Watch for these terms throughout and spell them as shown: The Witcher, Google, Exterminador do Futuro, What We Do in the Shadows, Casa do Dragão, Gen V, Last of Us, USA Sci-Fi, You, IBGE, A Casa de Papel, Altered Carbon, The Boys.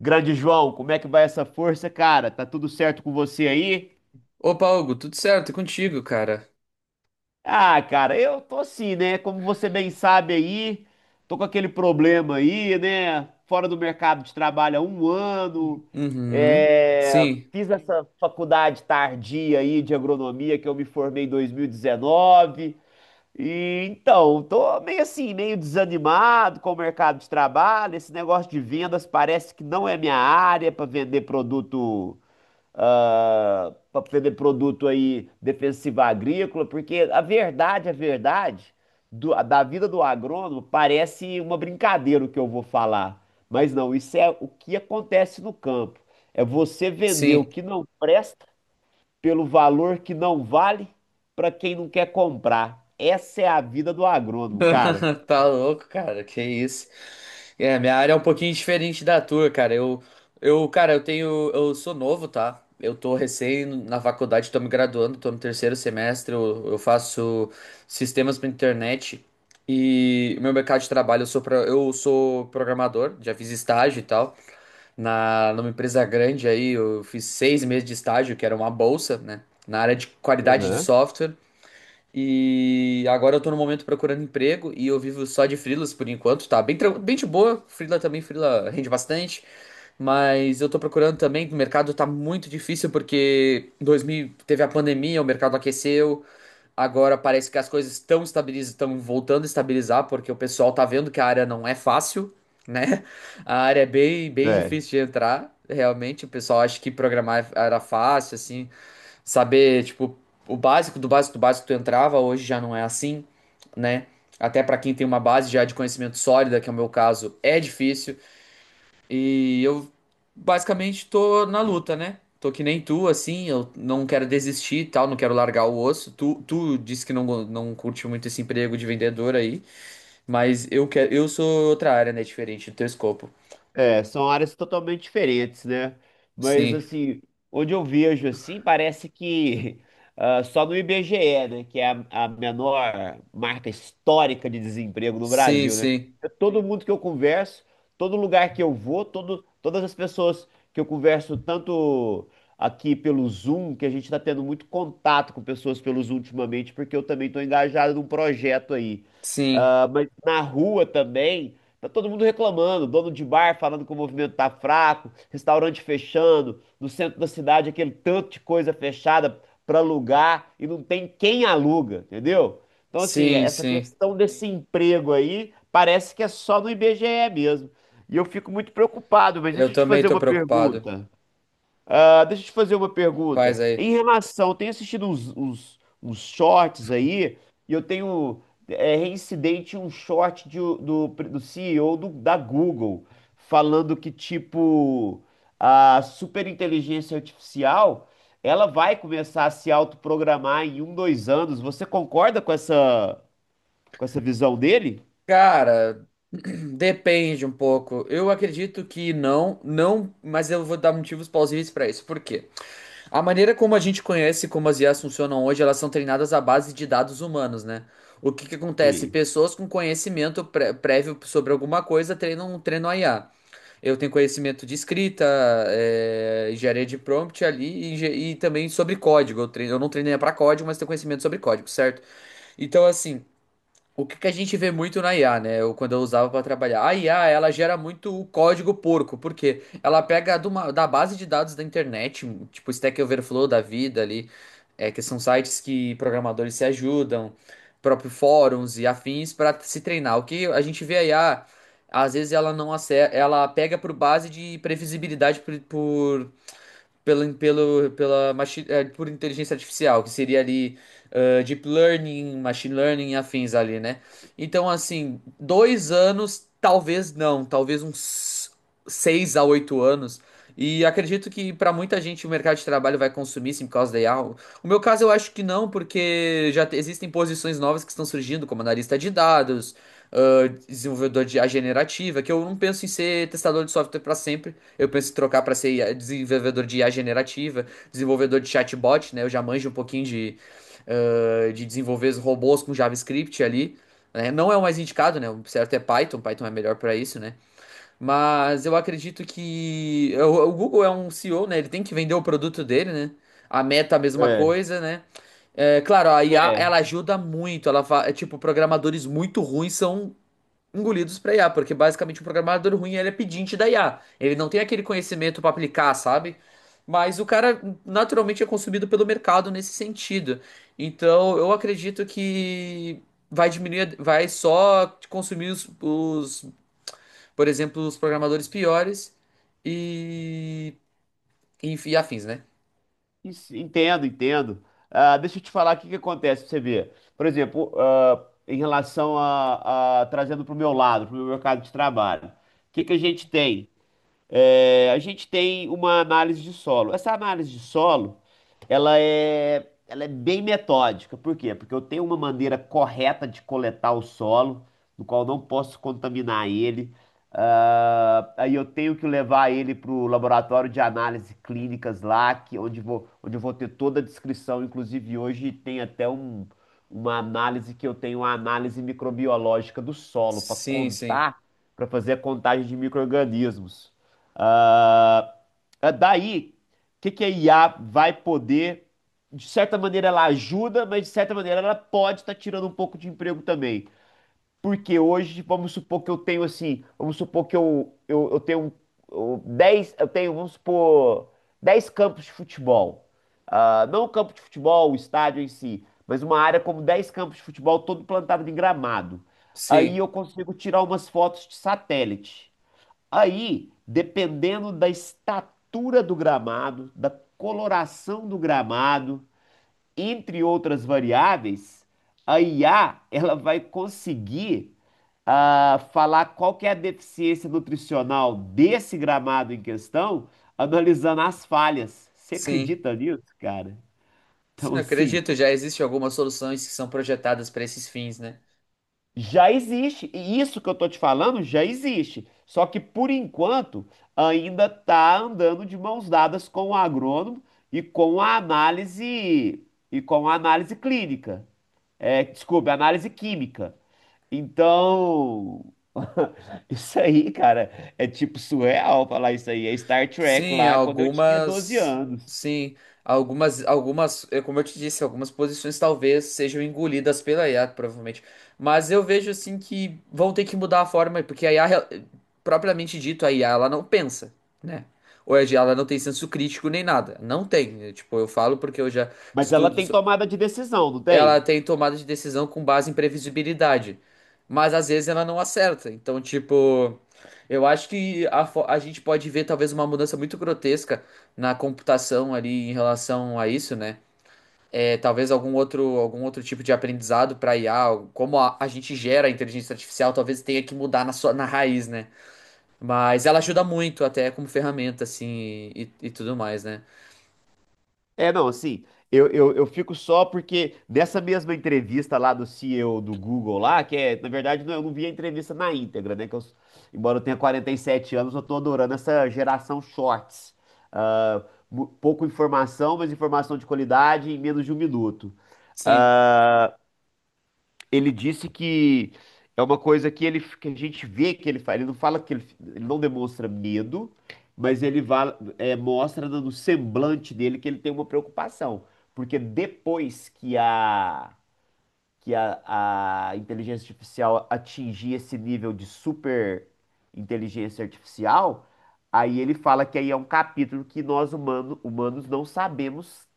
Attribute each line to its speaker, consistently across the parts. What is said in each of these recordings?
Speaker 1: Grande João, como é que vai essa força, cara? Tá tudo certo com você aí?
Speaker 2: Opa, Hugo, tudo certo? É contigo, cara.
Speaker 1: Ah, cara, eu tô assim, né? Como você bem sabe aí, tô com aquele problema aí, né? Fora do mercado de trabalho há 1 ano.
Speaker 2: Uhum.
Speaker 1: É,
Speaker 2: Sim,
Speaker 1: fiz essa faculdade tardia aí de agronomia que eu me formei em 2019. E dezenove. E então, tô meio assim, meio desanimado com o mercado de trabalho. Esse negócio de vendas parece que não é minha área para vender produto aí defensivo agrícola, porque a verdade da vida do agrônomo parece uma brincadeira o que eu vou falar, mas não, isso é o que acontece no campo. É você vender
Speaker 2: sim.
Speaker 1: o que não presta pelo valor que não vale para quem não quer comprar. Essa é a vida do agrônomo, cara.
Speaker 2: Tá louco, cara. Que isso? É, minha área é um pouquinho diferente da tua, cara. Eu, cara, eu sou novo, tá? Eu tô recém na faculdade, tô me graduando, tô no terceiro semestre. Eu faço sistemas pra internet e meu mercado de trabalho, eu sou programador, já fiz estágio e tal, numa empresa grande aí, eu fiz 6 meses de estágio, que era uma bolsa, né? Na área de qualidade de
Speaker 1: Aham.
Speaker 2: software. E agora eu tô no momento procurando emprego e eu vivo só de freelas por enquanto, tá? Bem, bem de boa, freela também, freela rende bastante, mas eu tô procurando também, o mercado tá muito difícil porque em 2000 teve a pandemia, o mercado aqueceu. Agora parece que as coisas estão voltando a estabilizar, porque o pessoal tá vendo que a área não é fácil, né? A área é bem, bem
Speaker 1: É.
Speaker 2: difícil de entrar, realmente. O pessoal acha que programar era fácil, assim, saber, tipo, o básico do básico do básico tu entrava, hoje já não é assim, né? Até para quem tem uma base já de conhecimento sólida, que é o meu caso, é difícil. E eu basicamente tô na luta, né? Tô que nem tu, assim, eu não quero desistir e tal, não quero largar o osso. Tu disse que não, não curte muito esse emprego de vendedor aí, mas eu quero, eu sou outra área, né? Diferente do teu escopo.
Speaker 1: É, são áreas totalmente diferentes, né? Mas
Speaker 2: Sim,
Speaker 1: assim, onde eu vejo assim, parece que só no IBGE, né, que é a menor marca histórica de desemprego no
Speaker 2: sim,
Speaker 1: Brasil, né?
Speaker 2: sim,
Speaker 1: É, todo mundo que eu converso, todo lugar que eu vou, todas as pessoas que eu converso, tanto aqui pelo Zoom, que a gente está tendo muito contato com pessoas pelo Zoom ultimamente, porque eu também estou engajado num projeto aí.
Speaker 2: sim,
Speaker 1: Ah, mas na rua também. Tá todo mundo reclamando, dono de bar falando que o movimento tá fraco, restaurante fechando, no centro da cidade aquele tanto de coisa fechada para alugar e não tem quem aluga, entendeu? Então, assim,
Speaker 2: sim,
Speaker 1: essa
Speaker 2: sim.
Speaker 1: questão desse emprego aí parece que é só no IBGE mesmo. E eu fico muito preocupado, mas
Speaker 2: Eu
Speaker 1: deixa eu te
Speaker 2: também
Speaker 1: fazer
Speaker 2: tô
Speaker 1: uma
Speaker 2: preocupado.
Speaker 1: pergunta. Ah, deixa eu te fazer uma pergunta.
Speaker 2: Faz aí.
Speaker 1: Em relação, eu tenho assistido uns shorts aí, e eu tenho reincidente um short de do CEO da Google, falando que, tipo, a superinteligência artificial, ela vai começar a se autoprogramar em um, dois anos. Você concorda com essa, visão dele?
Speaker 2: Cara, depende um pouco. Eu acredito que não, não, mas eu vou dar motivos plausíveis pra isso. Por quê? A maneira como a gente conhece como as IAs funcionam hoje, elas são treinadas à base de dados humanos, né? O que que acontece?
Speaker 1: Sim.
Speaker 2: Pessoas com conhecimento prévio sobre alguma coisa treinam a IA. Eu tenho conhecimento de escrita, é, engenharia de prompt ali e, e também sobre código. Eu não treinei para código, mas tenho conhecimento sobre código, certo? Então, assim, o que que a gente vê muito na IA, né? Eu, quando eu usava para trabalhar. A IA, ela gera muito o código porco, porque ela pega de da base de dados da internet, tipo Stack Overflow da vida ali, é, que são sites que programadores se ajudam, próprio fóruns e afins para se treinar. O que a gente vê a IA, às vezes ela não acerta, ela pega por base de previsibilidade por, pelo, pelo, pela machi, eh, por inteligência artificial, que seria ali deep learning, machine learning e afins ali, né? Então, assim, 2 anos, talvez não, talvez uns 6 a 8 anos. E acredito que para muita gente o mercado de trabalho vai consumir sim por causa da IA. O meu caso eu acho que não, porque existem posições novas que estão surgindo, como analista de dados, desenvolvedor de I a generativa, que eu não penso em ser testador de software para sempre. Eu penso em trocar para ser IA desenvolvedor de IA generativa, desenvolvedor de chatbot, né? Eu já manjo um pouquinho de desenvolver os robôs com JavaScript ali, né? Não é o mais indicado, né? O certo é Python, Python é melhor para isso, né? Mas eu acredito que o Google é um CEO, né? Ele tem que vender o produto dele, né? A Meta, a mesma
Speaker 1: É.
Speaker 2: coisa, né? É, claro, a IA,
Speaker 1: É.
Speaker 2: ela ajuda muito. Tipo, programadores muito ruins são engolidos para IA, porque basicamente o programador ruim ele é pedinte da IA. Ele não tem aquele conhecimento para aplicar, sabe? Mas o cara naturalmente é consumido pelo mercado nesse sentido. Então eu acredito que vai diminuir, vai só consumir por exemplo, os programadores piores e, e afins, né?
Speaker 1: Isso. Entendo, entendo. Ah, deixa eu te falar o que que acontece pra você ver. Por exemplo, em relação trazendo para o meu lado, para o meu mercado de trabalho, o que que a gente tem? É, a gente tem uma análise de solo. Essa análise de solo, ela é bem metódica. Por quê? Porque eu tenho uma maneira correta de coletar o solo, no qual eu não posso contaminar ele. Ah, aí eu tenho que levar ele para o laboratório de análise clínicas lá, onde eu vou ter toda a descrição. Inclusive, hoje tem até uma análise que eu tenho, uma análise microbiológica do solo para
Speaker 2: Sim, sim,
Speaker 1: contar, para fazer a contagem de micro-organismos. Ah, é daí, o que que a IA vai poder, de certa maneira ela ajuda, mas de certa maneira ela pode estar tirando um pouco de emprego também. Porque hoje, vamos supor que eu tenho assim, vamos supor que eu tenho 10, eu tenho, vamos supor, 10 campos de futebol. Ah, não o campo de futebol, o estádio em si, mas uma área como 10 campos de futebol todo plantado em gramado. Aí
Speaker 2: sim,
Speaker 1: eu consigo tirar umas fotos de satélite. Aí, dependendo da estatura do gramado, da coloração do gramado, entre outras variáveis, a IA ela vai conseguir falar qual que é a deficiência nutricional desse gramado em questão, analisando as falhas. Você
Speaker 2: sim.
Speaker 1: acredita nisso, cara?
Speaker 2: Sim,
Speaker 1: Então,
Speaker 2: eu
Speaker 1: assim,
Speaker 2: acredito, já existem algumas soluções que são projetadas para esses fins, né?
Speaker 1: já existe, e isso que eu tô te falando já existe. Só que por enquanto ainda tá andando de mãos dadas com o agrônomo e com a análise e com a análise clínica. É, desculpa, análise química. Então, isso aí, cara, é tipo surreal falar isso aí. É Star Trek
Speaker 2: Sim,
Speaker 1: lá quando eu tinha 12
Speaker 2: algumas.
Speaker 1: anos.
Speaker 2: Sim, algumas, algumas, é como eu te disse, algumas posições talvez sejam engolidas pela IA, provavelmente. Mas eu vejo assim que vão ter que mudar a forma, porque a IA, propriamente dito, a IA, ela não pensa, né? Ou a IA, ela não tem senso crítico nem nada. Não tem, né? Tipo, eu falo porque eu já
Speaker 1: Mas ela
Speaker 2: estudo,
Speaker 1: tem tomada de decisão, não
Speaker 2: ela
Speaker 1: tem?
Speaker 2: tem tomada de decisão com base em previsibilidade. Mas às vezes ela não acerta. Então, tipo, eu acho que a gente pode ver talvez uma mudança muito grotesca na computação ali em relação a isso, né? É, talvez algum outro tipo de aprendizado para IA, como a gente gera a inteligência artificial, talvez tenha que mudar na raiz, né? Mas ela ajuda muito até como ferramenta, assim, e tudo mais, né?
Speaker 1: É, não, assim, eu fico só porque nessa mesma entrevista lá do CEO do Google lá, que é, na verdade, não, eu não vi a entrevista na íntegra, né? Que eu, embora eu tenha 47 anos, eu tô adorando essa geração shorts. Ah, pouco informação, mas informação de qualidade em menos de 1 minuto.
Speaker 2: Sim,
Speaker 1: Ele disse que é uma coisa que ele que a gente vê que ele faz. Ele não fala ele não demonstra medo, mas ele mostra no semblante dele que ele tem uma preocupação, porque depois que a inteligência artificial atingir esse nível de super inteligência artificial, aí ele fala que aí é um capítulo que nós humanos não sabemos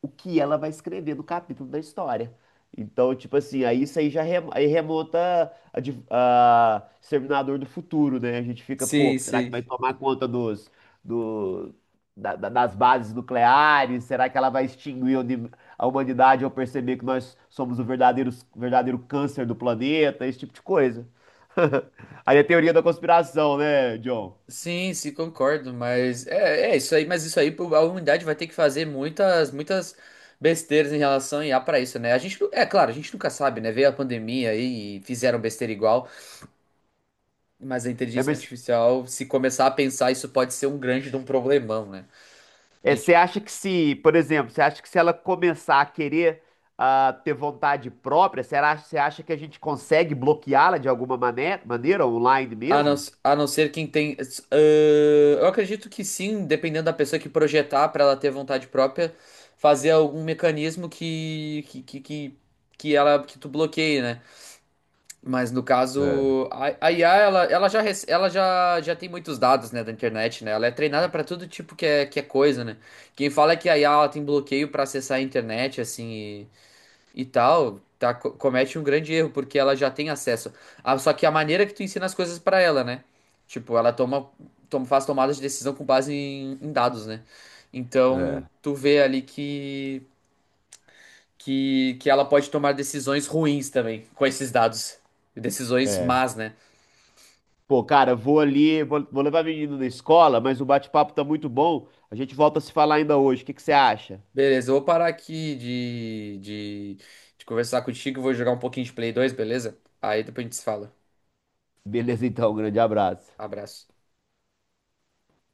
Speaker 1: o que ela vai escrever no capítulo da história. Então, tipo assim, aí isso aí já aí remonta a Exterminador do Futuro, né? A gente fica, pô,
Speaker 2: sim,
Speaker 1: será que
Speaker 2: sim.
Speaker 1: vai tomar conta dos, do, da- da- das bases nucleares? Será que ela vai extinguir a humanidade ao perceber que nós somos o verdadeiro, verdadeiro câncer do planeta? Esse tipo de coisa. Aí a teoria da conspiração, né, John?
Speaker 2: Sim, sim, concordo, mas é isso aí, mas isso aí pô, a humanidade vai ter que fazer muitas, muitas besteiras em relação a IA para isso, né? É claro, a gente nunca sabe, né? Veio a pandemia aí e fizeram besteira igual, mas a
Speaker 1: É,
Speaker 2: inteligência
Speaker 1: mas
Speaker 2: artificial, se começar a pensar, isso pode ser um grande de um problemão, né? A
Speaker 1: Você
Speaker 2: gente,
Speaker 1: acha que se, por exemplo, você acha que se ela começar a querer ter vontade própria, será, você acha que a gente consegue bloqueá-la de alguma maneira, online
Speaker 2: a não,
Speaker 1: mesmo?
Speaker 2: a não ser quem tem, ah, eu acredito que sim, dependendo da pessoa que projetar para ela ter vontade própria, fazer algum mecanismo que tu bloqueie, né? Mas no
Speaker 1: É,
Speaker 2: caso, a IA, ela já tem muitos dados, né, da internet, né? Ela é treinada para todo tipo que é coisa, né? Quem fala é que a IA ela tem bloqueio para acessar a internet, assim, e tal, tá, comete um grande erro, porque ela já tem acesso. Ah, só que a maneira que tu ensina as coisas para ela, né? Tipo, ela faz tomadas de decisão com base em dados, né? Então,
Speaker 1: é.
Speaker 2: tu vê ali que ela pode tomar decisões ruins também com esses dados. Decisões
Speaker 1: É.
Speaker 2: más, né?
Speaker 1: Pô, cara, vou ali, vou levar a menina na escola, mas o bate-papo tá muito bom. A gente volta a se falar ainda hoje. O que que você acha?
Speaker 2: Beleza, eu vou parar aqui de conversar contigo e vou jogar um pouquinho de Play 2, beleza? Aí depois a gente se fala.
Speaker 1: Beleza, então, um grande abraço.
Speaker 2: Abraço.